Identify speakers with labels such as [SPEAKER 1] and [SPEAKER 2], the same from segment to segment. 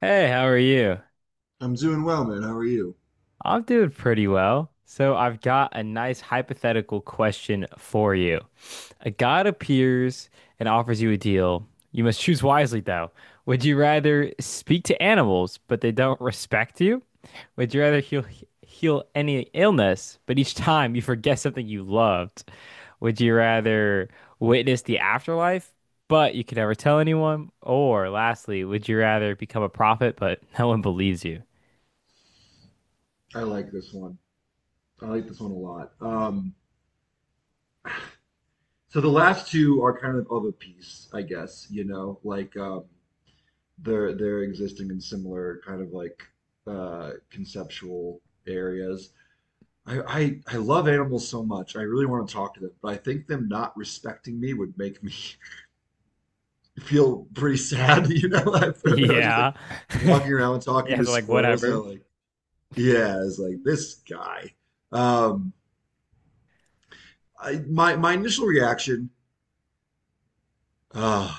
[SPEAKER 1] Hey, how are you?
[SPEAKER 2] I'm doing well, man. How are you?
[SPEAKER 1] I'm doing pretty well. So, I've got a nice hypothetical question for you. A god appears and offers you a deal. You must choose wisely, though. Would you rather speak to animals, but they don't respect you? Would you rather heal any illness, but each time you forget something you loved? Would you rather witness the afterlife, but you can never tell anyone? Or lastly, would you rather become a prophet, but no one believes you?
[SPEAKER 2] I like this one. I like this one a lot. So the last two are kind of a piece, I guess, you know, like they're existing in similar kind of like conceptual areas. I love animals so much. I really want to talk to them, but I think them not respecting me would make me feel pretty sad, you know. Was just like
[SPEAKER 1] Yeah.
[SPEAKER 2] walking around talking
[SPEAKER 1] Yeah,
[SPEAKER 2] to
[SPEAKER 1] so like
[SPEAKER 2] squirrels, and
[SPEAKER 1] whatever.
[SPEAKER 2] I'm like, yeah, it's like this guy. Um, I, my initial uh,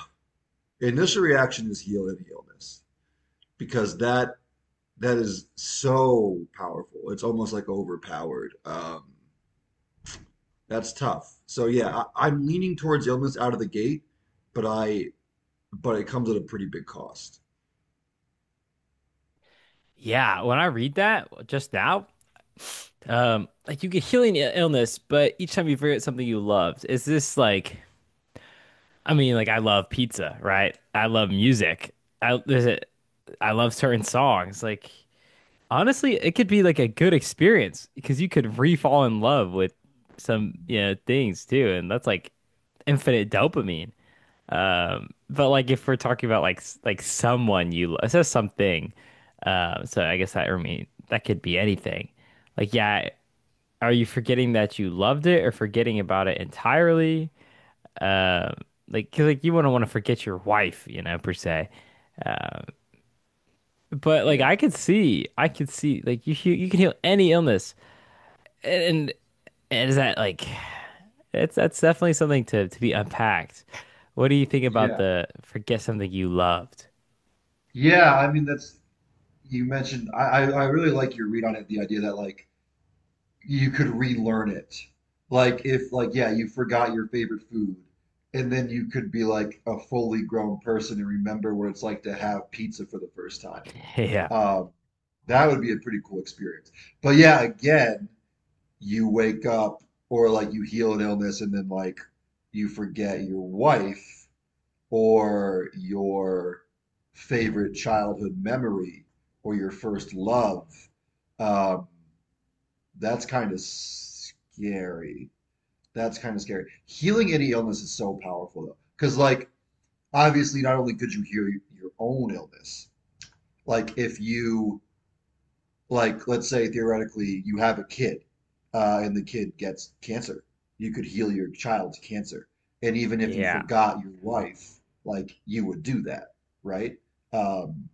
[SPEAKER 2] reaction is heal and healness because that is so powerful. It's almost like overpowered. That's tough. So yeah, I'm leaning towards illness out of the gate, but I but it comes at a pretty big cost.
[SPEAKER 1] Yeah, when I read that just now, like you get healing illness, but each time you forget something you loved, is this like, I mean, like I love pizza, right? I love music. I there's a, I love certain songs. Like honestly, it could be like a good experience because you could re-fall in love with some, you know, things too, and that's like infinite dopamine. But like if we're talking about like like someone you love, it says something. So I guess that I mean that could be anything. Like yeah, are you forgetting that you loved it or forgetting about it entirely? Um, like 'cause, like you wouldn't want to forget your wife, you know, per se. Um, but like
[SPEAKER 2] Yeah,
[SPEAKER 1] I could see like you you can heal any illness, and, and is that like it's that's definitely something to be unpacked. What do you think about
[SPEAKER 2] yeah,
[SPEAKER 1] the forget something you loved?
[SPEAKER 2] yeah. I mean, that's you mentioned. I really like your read on it. The idea that like you could relearn it. Like if like yeah, you forgot your favorite food and then you could be like a fully grown person and remember what it's like to have pizza for the first time.
[SPEAKER 1] Yeah.
[SPEAKER 2] Um, that would be a pretty cool experience. But yeah, again, you wake up or like you heal an illness and then like you forget your wife or your favorite childhood memory or your first love. Um, that's kind of scary. That's kind of scary. Healing any illness is so powerful though, because like obviously not only could you heal your own illness, like if you like let's say theoretically you have a kid, and the kid gets cancer, you could heal your child's cancer, and even if you
[SPEAKER 1] Yeah.
[SPEAKER 2] forgot your wife, like you would do that, right? Um,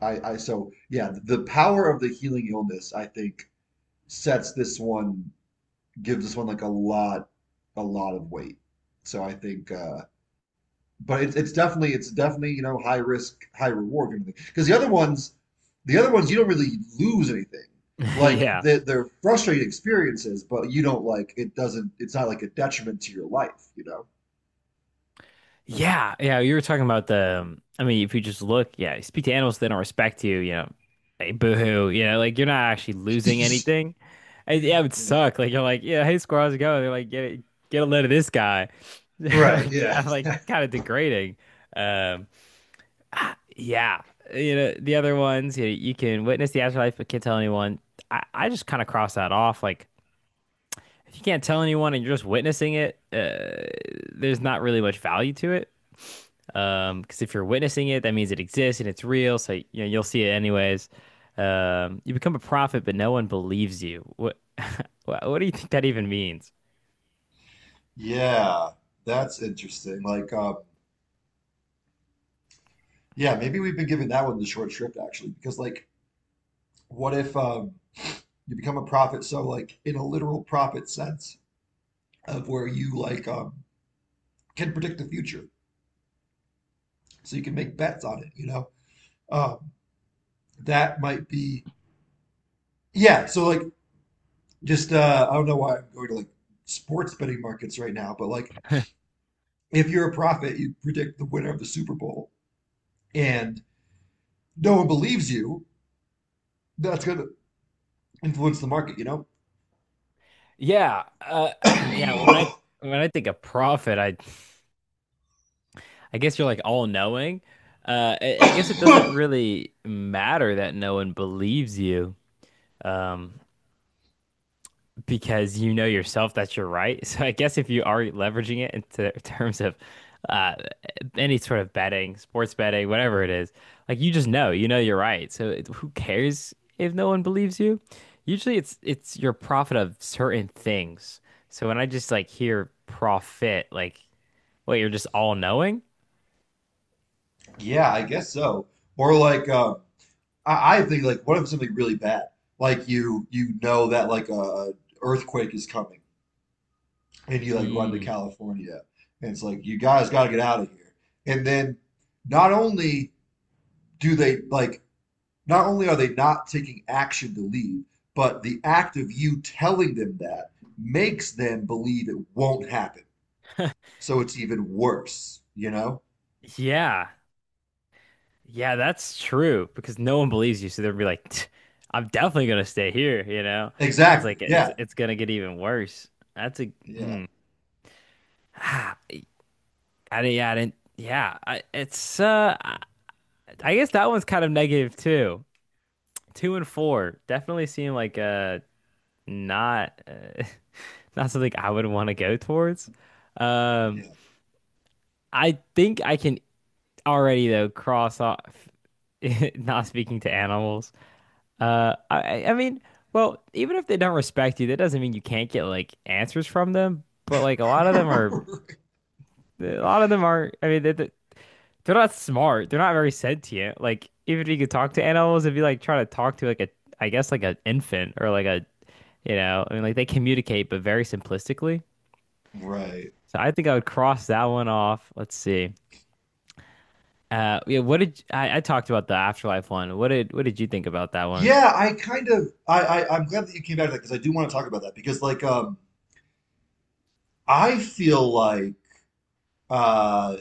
[SPEAKER 2] I so yeah, the power of the healing illness I think sets this one gives this one like a lot of weight. So I think, but it's definitely it's definitely, you know, high risk, high reward kind of thing. Because the other ones you don't really lose anything. Like
[SPEAKER 1] Yeah.
[SPEAKER 2] they're frustrating experiences, but you don't like it doesn't. It's not like a detriment to your life, you know.
[SPEAKER 1] Yeah. Yeah. You were talking about the, I mean, if you just look, yeah, you speak to animals, they don't respect you, you know, hey, boo-hoo, you know, like you're not actually losing anything. And, yeah, it would
[SPEAKER 2] Yeah.
[SPEAKER 1] suck. Like you're like, yeah, hey, squirrel, how's it going? They're like, get a load of this guy.
[SPEAKER 2] Right.
[SPEAKER 1] Like,
[SPEAKER 2] Yeah.
[SPEAKER 1] yeah, like
[SPEAKER 2] Exactly.
[SPEAKER 1] kind of degrading. Um, yeah. You know, the other ones, you can witness the afterlife, but can't tell anyone. I just kind of cross that off. Like, if you can't tell anyone and you're just witnessing it, there's not really much value to it. Because if you're witnessing it, that means it exists and it's real, so you know you'll see it anyways. You become a prophet, but no one believes you. What, what, do you think that even means?
[SPEAKER 2] Yeah, that's interesting. Like, yeah, maybe we've been giving that one the short shrift actually, because like, what if you become a prophet, so like in a literal prophet sense of where you like can predict the future, so you can make bets on it, you know. um, that might be yeah so like just I don't know why I'm going to like sports betting markets right now, but like if you're a prophet, you predict the winner of the Super Bowl and no one believes you, that's going to influence the market, you know?
[SPEAKER 1] Yeah, uh, Yeah, when I when I think of prophet, I guess you're like all knowing. I guess it doesn't really matter that no one believes you. Um, because you know yourself that you're right. So I guess if you are leveraging it into terms of uh, any sort of betting, sports betting, whatever it is, like you just know, you know you're right. So who cares if no one believes you? Usually it's your profit of certain things. So when I just like hear profit, like, wait, you're just all knowing?
[SPEAKER 2] Yeah, I guess so. Or like I think, like, what if something really bad? Like you know that like a earthquake is coming and you like run to
[SPEAKER 1] Mm.
[SPEAKER 2] California and it's like, you guys gotta get out of here. And then not only do they like not only are they not taking action to leave, but the act of you telling them that makes them believe it won't happen. So it's even worse, you know?
[SPEAKER 1] Yeah, Yeah, that's true because no one believes you, so they'll be like, "Tch, I'm definitely gonna stay here," you know? It's
[SPEAKER 2] Exactly.
[SPEAKER 1] like
[SPEAKER 2] Yeah.
[SPEAKER 1] it's gonna get even worse. That's a
[SPEAKER 2] Yeah.
[SPEAKER 1] hmm. Ah, I didn't, yeah, I didn't, yeah. I, it's I guess that one's kind of negative too. Two and four definitely seem like not not something I would want to go towards. Um, I think I can already though cross off not speaking to animals. I mean, well, even if they don't respect you, that doesn't mean you can't get like answers from them. But like a lot of them
[SPEAKER 2] Yeah.
[SPEAKER 1] are, a lot of them are. I mean, they're not smart. They're not very sentient. Like even if you could talk to animals, if you like try to talk to like a, I guess like an infant or like a, you know, I mean like they communicate but very simplistically.
[SPEAKER 2] Right.
[SPEAKER 1] So I think I would cross that one off. Let's see. Yeah, I talked about the afterlife one? What did you think about that one?
[SPEAKER 2] Yeah, I kind of, I'm glad that you came back to that because I do want to talk about that because like I feel like uh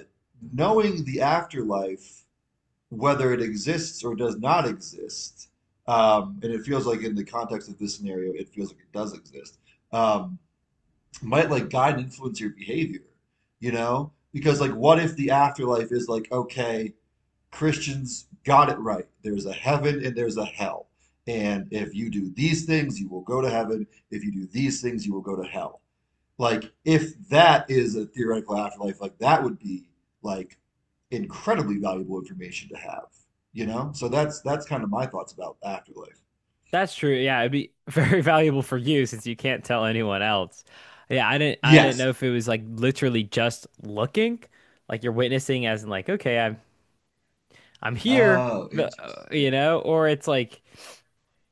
[SPEAKER 2] knowing the afterlife, whether it exists or does not exist, and it feels like in the context of this scenario, it feels like it does exist, um, might like guide and influence your behavior, you know? Because like what if the afterlife is like, okay, Christians got it right. There's a heaven and there's a hell. And if you do these things, you will go to heaven. If you do these things, you will go to hell. Like, if that is a theoretical afterlife, like that would be like incredibly valuable information to have, you know? So that's kind of my thoughts about afterlife.
[SPEAKER 1] That's true. Yeah, it'd be very valuable for you since you can't tell anyone else. Yeah, I didn't
[SPEAKER 2] Yes.
[SPEAKER 1] know if it was like literally just looking, like you're witnessing as in like, okay, I'm here,
[SPEAKER 2] Oh,
[SPEAKER 1] but
[SPEAKER 2] interesting.
[SPEAKER 1] you know, or it's like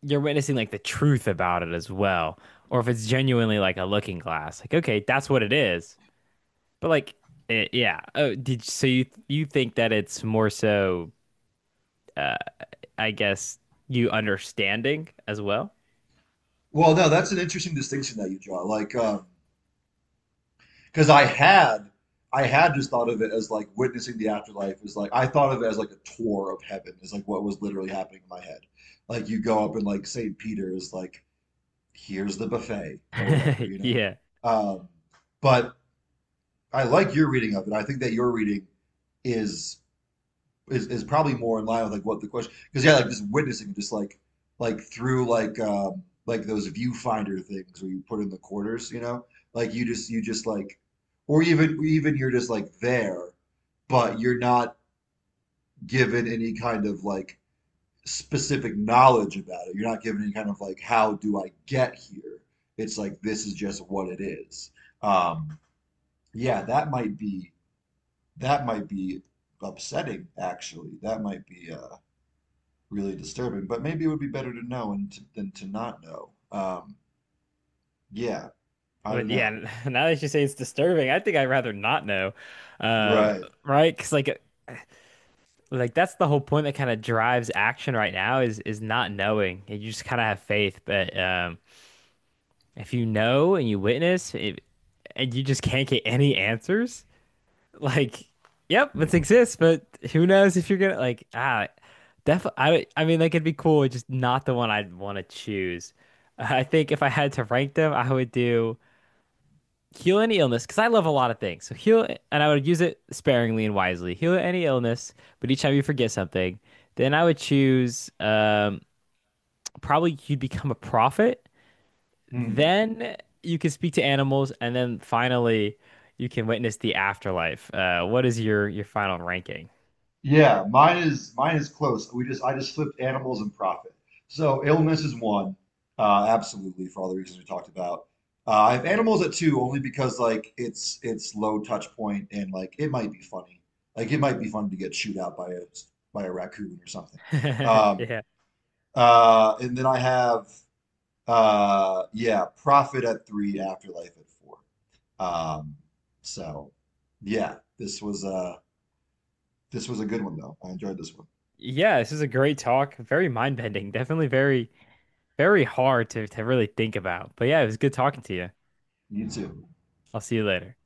[SPEAKER 1] you're witnessing like the truth about it as well, or if it's genuinely like a looking glass. Like, okay, that's what it is. But like it, yeah. Oh, did so you think that it's more so uh I guess you understanding as well?
[SPEAKER 2] Well, no, that's an interesting distinction that you draw. Like, because I had just thought of it as like witnessing the afterlife is like, I thought of it as like a tour of heaven is like what was literally happening in my head. Like you go up and like St. Peter's like, here's the buffet or whatever, you know.
[SPEAKER 1] Yeah.
[SPEAKER 2] Um, but I like your reading of it. I think that your reading is is probably more in line with like what the question, because yeah, like just witnessing, just like through like those viewfinder things where you put in the quarters, you know, like you just like, or even you're just like there, but you're not given any kind of like specific knowledge about it. You're not given any kind of like, how do I get here? It's like, this is just what it is. um yeah, that might be upsetting actually. That might be really disturbing. But maybe it would be better to know than to not know. Yeah, I
[SPEAKER 1] But
[SPEAKER 2] don't
[SPEAKER 1] yeah,
[SPEAKER 2] know.
[SPEAKER 1] now that you say it's disturbing, I think I'd rather not know. Um,
[SPEAKER 2] Right.
[SPEAKER 1] right? 'Cause like that's the whole point that kind of drives action right now is not knowing. And you just kind of have faith, but if you know and you witness it, and you just can't get any answers, like yep, it
[SPEAKER 2] Yeah.
[SPEAKER 1] exists, but who knows if you're gonna like I mean like it'd be cool, it's just not the one I'd want to choose. I think if I had to rank them, I would do heal any illness because I love a lot of things. So heal, and I would use it sparingly and wisely. Heal any illness, but each time you forget something, then I would choose probably you'd become a prophet.
[SPEAKER 2] Hmm.
[SPEAKER 1] Then you can speak to animals, and then finally you can witness the afterlife. What is your final ranking?
[SPEAKER 2] Yeah, mine is close. We just flipped animals and profit. So illness is one, absolutely for all the reasons we talked about. I have animals at two only because like it's low touch point and like it might be funny. Like it might be fun to get chewed out by a raccoon or something. Um,
[SPEAKER 1] Yeah.
[SPEAKER 2] and then I have yeah, Prophet at three, Afterlife at four. Um, so yeah, this was a good one though. I enjoyed this one.
[SPEAKER 1] Yeah, this is a great talk. Very mind-bending. Definitely very, very hard to really think about. But yeah, it was good talking to you.
[SPEAKER 2] You too.
[SPEAKER 1] I'll see you later.